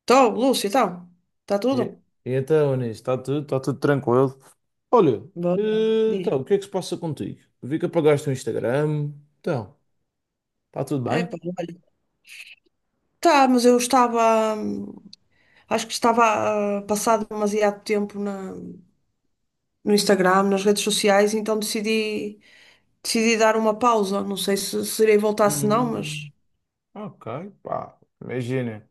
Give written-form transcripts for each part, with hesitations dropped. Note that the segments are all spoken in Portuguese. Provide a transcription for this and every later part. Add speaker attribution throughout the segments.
Speaker 1: Estou, Lúcio, então. Está
Speaker 2: E-
Speaker 1: tudo?
Speaker 2: Então, nisso, está tudo tranquilo. Olha,
Speaker 1: Boa. Diz.
Speaker 2: então, o que é que se passa contigo? Vi que apagaste o Instagram. Então, está tudo
Speaker 1: É,
Speaker 2: bem?
Speaker 1: pá, olha. Tá, mas eu estava. Acho que estava passado demasiado tempo no Instagram, nas redes sociais, então decidi dar uma pausa. Não sei se irei voltar, se não, mas.
Speaker 2: Hum, ok, pá, imagina.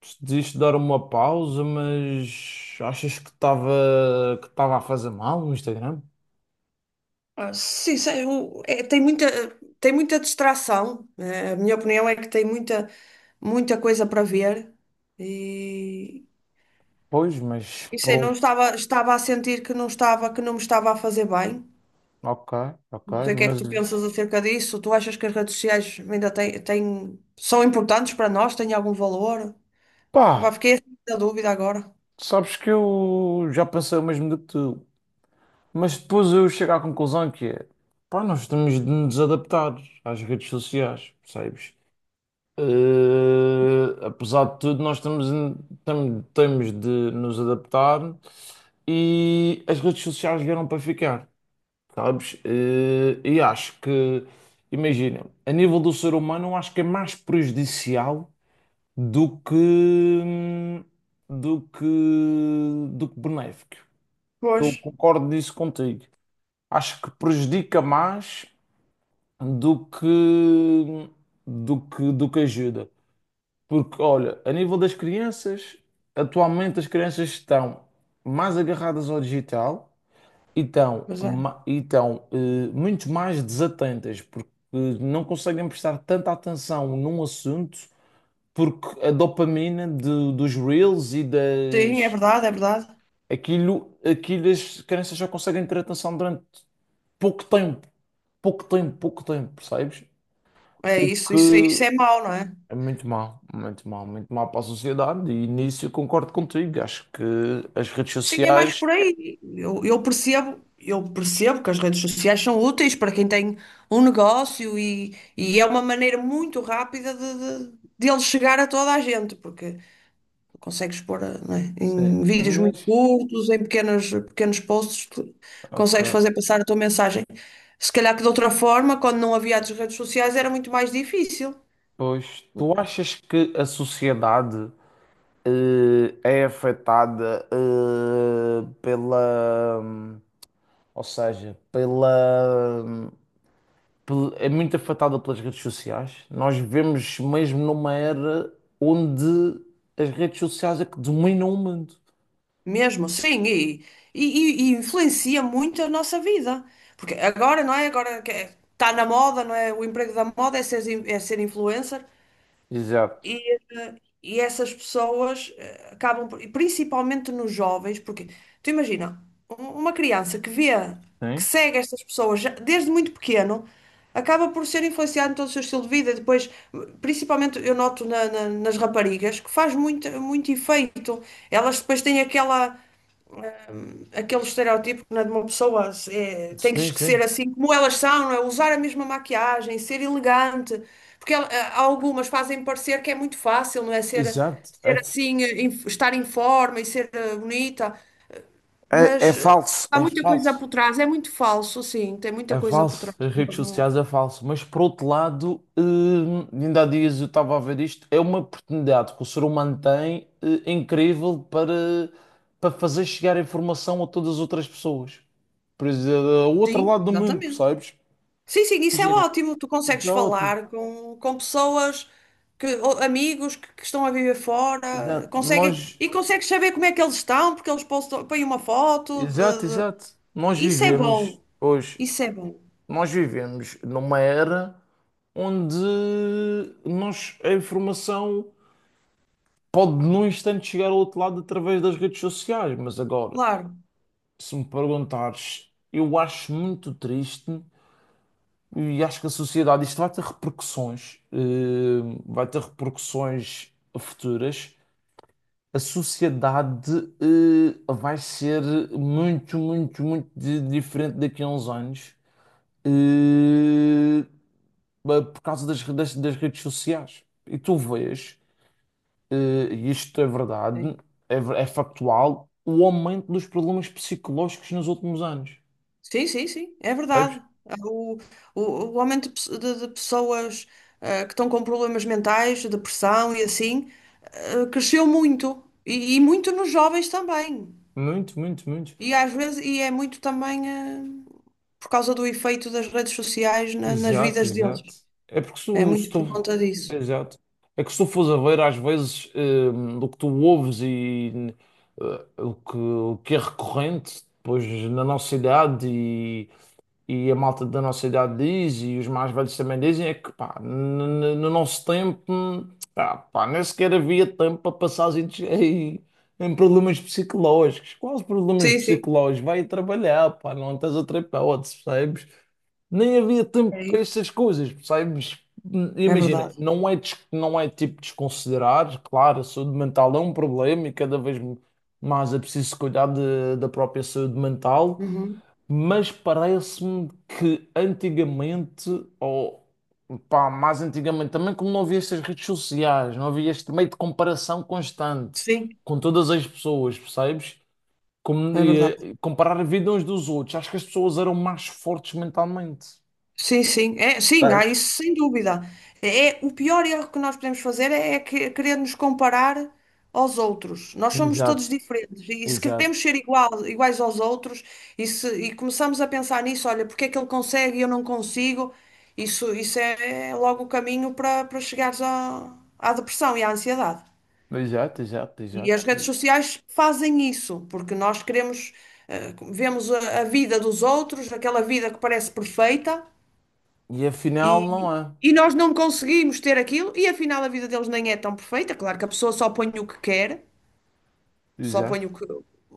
Speaker 2: Decidiste dar uma pausa, mas achas que estava a fazer mal no Instagram?
Speaker 1: Sim, sei, é, tem muita distração, né? A minha opinião é que muita coisa para ver. E.
Speaker 2: Pois, mas
Speaker 1: E sei, não
Speaker 2: pronto,
Speaker 1: estava, estava a sentir que não estava, que não me estava a fazer bem.
Speaker 2: ok, ok,
Speaker 1: Não sei o que é que
Speaker 2: mas
Speaker 1: tu pensas acerca disso. Tu achas que as redes sociais ainda são importantes para nós? Têm algum valor? Opá,
Speaker 2: pá,
Speaker 1: fiquei assim na dúvida agora.
Speaker 2: sabes que eu já pensei o mesmo do que tu. Mas depois eu chego à conclusão que é, pá, nós temos de nos adaptar às redes sociais, percebes? Apesar de tudo, nós temos de nos adaptar e as redes sociais vieram para ficar, sabes? E acho que, imagina, a nível do ser humano, eu acho que é mais prejudicial do que, do que, do que benéfico.
Speaker 1: Pois,
Speaker 2: Eu concordo nisso contigo, acho que prejudica mais do que do que do que ajuda. Porque, olha, a nível das crianças, atualmente as crianças estão mais agarradas ao digital e
Speaker 1: pois é.
Speaker 2: e estão muito mais desatentas, porque não conseguem prestar tanta atenção num assunto, porque a dopamina dos reels e
Speaker 1: Sim, é
Speaker 2: das.
Speaker 1: verdade, é verdade.
Speaker 2: Aquilo, as crianças já conseguem ter atenção durante pouco tempo. Pouco tempo, percebes?
Speaker 1: É
Speaker 2: O
Speaker 1: isso, isso, isso
Speaker 2: que
Speaker 1: é mau, não é?
Speaker 2: é muito mal, muito mal, muito mal para a sociedade, e nisso eu concordo contigo. Acho que as redes
Speaker 1: Sim, é mais
Speaker 2: sociais.
Speaker 1: por aí. Eu percebo que as redes sociais são úteis para quem tem um e é uma maneira muito rápida de ele chegar a toda a gente, porque consegues pôr, não é?
Speaker 2: Sim,
Speaker 1: Em vídeos muito
Speaker 2: mas.
Speaker 1: curtos, em pequenos posts, tu consegues
Speaker 2: Ok.
Speaker 1: fazer passar a tua mensagem. Se calhar que de outra forma, quando não havia as redes sociais, era muito mais difícil,
Speaker 2: Pois, tu achas que a sociedade é afetada pela. Ou seja, pela. É muito afetada pelas redes sociais. Nós vivemos mesmo numa era onde as redes sociais é que dominam o mundo.
Speaker 1: mesmo sim e influencia muito a nossa vida. Porque agora, não é? Agora que está na moda, não é? O emprego da moda é é ser influencer.
Speaker 2: Exato.
Speaker 1: E, eh, e essas pessoas acabam, e principalmente nos jovens, porque tu imagina, uma criança que vê, que
Speaker 2: Sim,
Speaker 1: segue estas pessoas desde muito pequeno, acaba por ser influenciada em todo o seu estilo de vida. E depois, principalmente eu noto nas raparigas, que faz muito, muito efeito. Elas depois têm aquela aquele estereótipo, né, de uma pessoa é, tem que
Speaker 2: sim,
Speaker 1: ser
Speaker 2: sim.
Speaker 1: assim como elas são, não é? Usar a mesma maquiagem, ser elegante, porque há algumas fazem parecer que é muito fácil, não é? Ser,
Speaker 2: Exato.
Speaker 1: ser assim, estar em forma e ser bonita,
Speaker 2: É, é
Speaker 1: mas
Speaker 2: falso,
Speaker 1: há
Speaker 2: é
Speaker 1: muita coisa
Speaker 2: falso.
Speaker 1: por trás, é muito falso, sim, tem muita
Speaker 2: É
Speaker 1: coisa por
Speaker 2: falso,
Speaker 1: trás.
Speaker 2: as
Speaker 1: Não,
Speaker 2: redes sociais é falso, mas por outro lado, ainda há dias eu estava a ver isto, é uma oportunidade que o ser humano tem, incrível para, para fazer chegar a informação a todas as outras pessoas. Por exemplo, ao outro
Speaker 1: sim,
Speaker 2: lado do mundo,
Speaker 1: exatamente.
Speaker 2: percebes?
Speaker 1: Sim, sim, isso é
Speaker 2: Imagina.
Speaker 1: ótimo. Tu consegues
Speaker 2: Exato,
Speaker 1: falar com pessoas, ou amigos que estão a viver fora,
Speaker 2: exato.
Speaker 1: conseguem, e consegues saber como é que eles estão, porque eles postam, põem uma foto.
Speaker 2: Exato, exato. Nós
Speaker 1: Isso é bom,
Speaker 2: vivemos hoje,
Speaker 1: isso é bom,
Speaker 2: nós vivemos numa era onde nós, a informação pode num instante chegar ao outro lado através das redes sociais, mas agora,
Speaker 1: claro.
Speaker 2: se me perguntares, eu acho muito triste e acho que a sociedade, isto vai ter repercussões, vai ter repercussões futuras, a sociedade vai ser muito, muito, diferente daqui a uns anos, eh, por causa das redes sociais. E tu vês, eh, e isto é
Speaker 1: Sim,
Speaker 2: verdade, é factual, o aumento dos problemas psicológicos nos últimos anos.
Speaker 1: sim, sim, sim, é
Speaker 2: Sabes?
Speaker 1: verdade. É o, o, o aumento de, de pessoas, que estão com problemas mentais, depressão e assim, cresceu muito. E muito nos jovens também.
Speaker 2: Muito, muito, muito.
Speaker 1: E às vezes, e é muito também, por causa do efeito das redes sociais nas
Speaker 2: Exato,
Speaker 1: vidas deles.
Speaker 2: exato. É porque
Speaker 1: É
Speaker 2: se
Speaker 1: muito por
Speaker 2: tu.
Speaker 1: conta disso.
Speaker 2: Exato. É que se tu fores a ver, às vezes, do que tu ouves e o que é recorrente depois na nossa idade e a malta da nossa idade diz, e os mais velhos também dizem, é que pá, no nosso tempo, ah, pá, nem sequer havia tempo para passar em problemas psicológicos. Quais problemas
Speaker 1: Sim, sim,
Speaker 2: psicológicos? Vai trabalhar, pá, não tens outra hipótese, percebes? Nem havia tempo
Speaker 1: é
Speaker 2: para
Speaker 1: isso.
Speaker 2: essas coisas, percebes?
Speaker 1: É
Speaker 2: Imagina,
Speaker 1: verdade.
Speaker 2: não é, não é tipo desconsiderar, claro, a saúde mental é um problema e cada vez mais é preciso cuidar da própria saúde mental,
Speaker 1: Uhum.
Speaker 2: mas parece-me que antigamente, ou pá, mais antigamente também, como não havia estas redes sociais, não havia este meio de comparação constante
Speaker 1: Sim,
Speaker 2: com todas as pessoas, percebes? Como,
Speaker 1: é verdade.
Speaker 2: comparar a vida uns dos outros, acho que as pessoas eram mais fortes mentalmente.
Speaker 1: Sim, sim, é, sim, há
Speaker 2: Sabes?
Speaker 1: isso sem dúvida. É, o pior erro que nós podemos fazer querer nos comparar aos outros. Nós somos
Speaker 2: Exato,
Speaker 1: todos diferentes e se queremos
Speaker 2: exato,
Speaker 1: ser igual, iguais aos outros se, e começamos a pensar nisso, olha, porque é que ele consegue e eu não consigo, isso é, logo o caminho para chegares à depressão e à ansiedade.
Speaker 2: exato, exato,
Speaker 1: E
Speaker 2: exato.
Speaker 1: as redes sociais fazem isso, porque nós queremos, vemos a vida dos outros, aquela vida que parece perfeita,
Speaker 2: E afinal
Speaker 1: e,
Speaker 2: não é.
Speaker 1: e nós não conseguimos ter aquilo, e afinal a vida deles nem é tão perfeita. Claro que a pessoa só põe o que quer, só
Speaker 2: Exato,
Speaker 1: põe o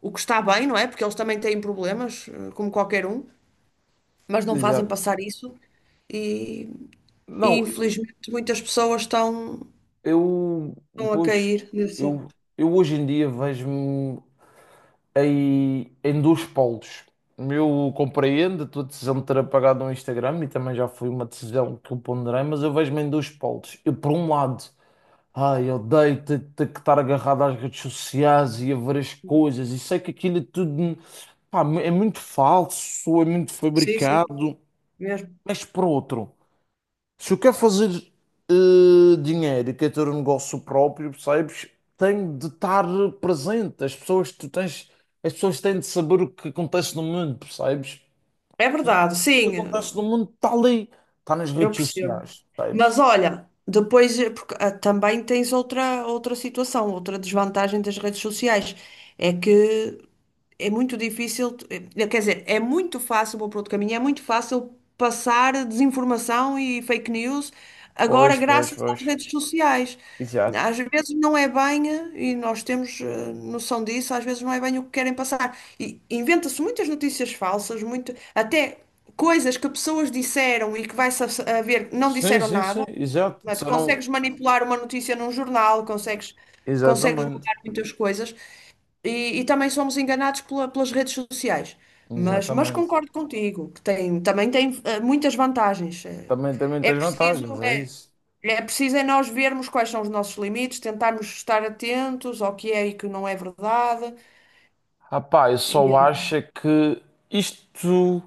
Speaker 1: o que está bem, não é? Porque eles também têm problemas, como qualquer um, mas não fazem
Speaker 2: exato.
Speaker 1: passar isso, e, e
Speaker 2: Não,
Speaker 1: infelizmente muitas pessoas estão,
Speaker 2: eu,
Speaker 1: estão a
Speaker 2: pois,
Speaker 1: cair nesse erro.
Speaker 2: eu hoje em dia vejo-me, aí em dois polos. Eu compreendo a tua decisão de ter apagado o Instagram e também já foi uma decisão que eu ponderei, mas eu vejo-me em dois polos. Eu, por um lado, ai, eu odeio ter que estar agarrado às redes sociais e a ver as coisas, e sei que aquilo é tudo, pá, é muito falso, é muito
Speaker 1: Sim, sim,
Speaker 2: fabricado,
Speaker 1: mesmo.
Speaker 2: mas por outro. Se eu quero fazer dinheiro e quero ter um negócio próprio, percebes? Tenho de estar presente. As pessoas, tu tens, as pessoas têm de saber o que acontece no mundo, percebes?
Speaker 1: É
Speaker 2: E o
Speaker 1: verdade,
Speaker 2: que
Speaker 1: sim,
Speaker 2: acontece no mundo está ali, está nas
Speaker 1: eu
Speaker 2: redes
Speaker 1: percebo.
Speaker 2: sociais, percebes?
Speaker 1: Mas olha, depois porque, também tens outra, outra situação, outra desvantagem das redes sociais. É que é muito difícil, quer dizer, é muito fácil, vou para outro caminho, é muito fácil passar desinformação e fake news agora
Speaker 2: Pois, pois,
Speaker 1: graças
Speaker 2: pois.
Speaker 1: às redes sociais.
Speaker 2: Exato.
Speaker 1: Às vezes não é bem, e nós temos noção disso, às vezes não é bem o que querem passar. E inventa-se muitas notícias falsas, muito, até coisas que pessoas disseram e que vai-se a ver, não
Speaker 2: Sim,
Speaker 1: disseram
Speaker 2: sim, sim,
Speaker 1: nada.
Speaker 2: exato.
Speaker 1: Não é? Tu
Speaker 2: Disseram,
Speaker 1: consegues manipular uma notícia num jornal, consegues, consegues
Speaker 2: exatamente,
Speaker 1: mudar muitas coisas e também somos enganados pelas redes sociais. Mas
Speaker 2: exatamente.
Speaker 1: concordo contigo, que tem, também tem muitas vantagens.
Speaker 2: Também, também
Speaker 1: É
Speaker 2: tens
Speaker 1: preciso,
Speaker 2: vantagens, é
Speaker 1: é,
Speaker 2: isso.
Speaker 1: é preciso é nós vermos quais são os nossos limites, tentarmos estar atentos ao que é e que não é verdade.
Speaker 2: Rapaz, eu
Speaker 1: E,
Speaker 2: só acho é que isto,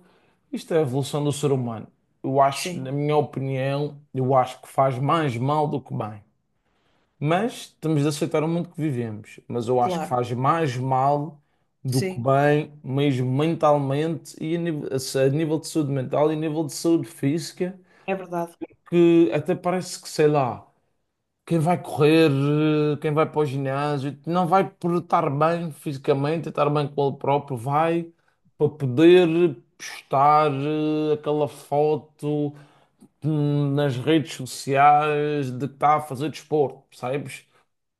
Speaker 2: isto é a evolução do ser humano. Eu acho, na
Speaker 1: sim,
Speaker 2: minha opinião, eu acho que faz mais mal do que bem. Mas temos de aceitar o mundo que vivemos. Mas eu acho que
Speaker 1: claro,
Speaker 2: faz mais mal do que
Speaker 1: sim,
Speaker 2: bem, mesmo mentalmente e a nível de saúde mental e a nível de saúde física,
Speaker 1: é verdade.
Speaker 2: que até parece que, sei lá. Quem vai correr, eh, quem vai para o ginásio, não vai por estar bem fisicamente, estar bem com ele próprio, vai para poder postar aquela foto nas redes sociais de que está a fazer desporto, percebes?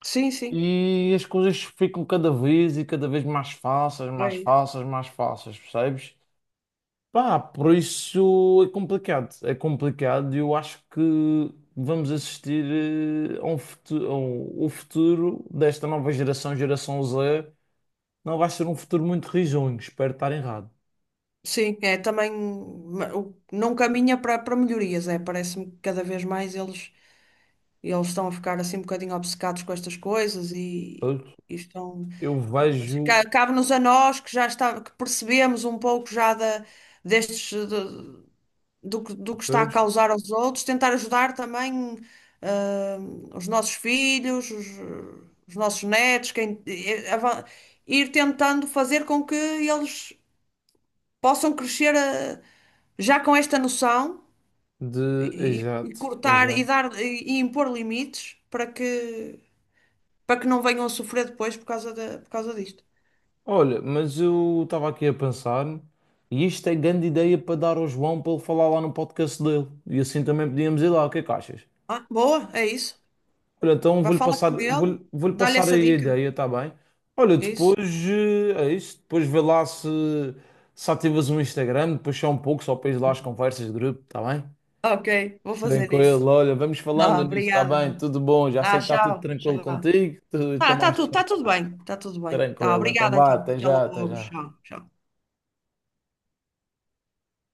Speaker 1: Sim, sim,
Speaker 2: E as coisas ficam cada vez e cada vez mais fáceis,
Speaker 1: é
Speaker 2: mais
Speaker 1: isso.
Speaker 2: fáceis, mais fáceis, percebes? Pá, por isso é complicado. É complicado e eu acho que vamos assistir a um futuro, o futuro desta nova geração, geração Z, não vai ser um futuro muito risonho. Espero estar errado.
Speaker 1: Sim, é também não caminha para para melhorias, é. Parece-me que cada vez mais eles, eles estão a ficar assim um bocadinho obcecados com estas coisas
Speaker 2: Pois,
Speaker 1: e estão.
Speaker 2: eu
Speaker 1: Mas
Speaker 2: vejo,
Speaker 1: cabe-nos a nós que já está, que percebemos um pouco já destes do, que do que está a
Speaker 2: pois,
Speaker 1: causar aos outros, tentar ajudar também ah, os nossos filhos, os nossos netos, quem, ir tentando fazer com que eles possam crescer, já com esta noção
Speaker 2: de.
Speaker 1: e
Speaker 2: Exato,
Speaker 1: cortar e
Speaker 2: exato.
Speaker 1: dar e impor limites para que não venham a sofrer depois por causa por causa disto.
Speaker 2: Olha, mas eu estava aqui a pensar, e isto é grande ideia para dar ao João para ele falar lá no podcast dele. E assim também podíamos ir lá. O que é que achas?
Speaker 1: Ah, boa, é isso.
Speaker 2: Olha, então
Speaker 1: Vá
Speaker 2: vou-lhe
Speaker 1: falar
Speaker 2: passar,
Speaker 1: com ele,
Speaker 2: vou-lhe
Speaker 1: dá-lhe
Speaker 2: passar
Speaker 1: essa
Speaker 2: aí a
Speaker 1: dica.
Speaker 2: ideia, está bem? Olha,
Speaker 1: É isso.
Speaker 2: depois é isso, depois vê lá se, se ativas o Instagram, depois só um pouco, só para ir lá as conversas de grupo, está bem?
Speaker 1: Ok, vou fazer
Speaker 2: Tranquilo,
Speaker 1: isso.
Speaker 2: olha, vamos falando
Speaker 1: Ah,
Speaker 2: nisso, está
Speaker 1: obrigada
Speaker 2: bem?
Speaker 1: então.
Speaker 2: Tudo bom, já
Speaker 1: Ah,
Speaker 2: sei que está tudo
Speaker 1: tchau,
Speaker 2: tranquilo
Speaker 1: tchau.
Speaker 2: contigo, estou
Speaker 1: Tá,
Speaker 2: mais descan-
Speaker 1: tá tudo bem, tá tudo bem. Tá,
Speaker 2: tranquilo, então
Speaker 1: obrigada
Speaker 2: vá,
Speaker 1: então.
Speaker 2: até
Speaker 1: Até
Speaker 2: já, até
Speaker 1: logo,
Speaker 2: já.
Speaker 1: tchau, tchau.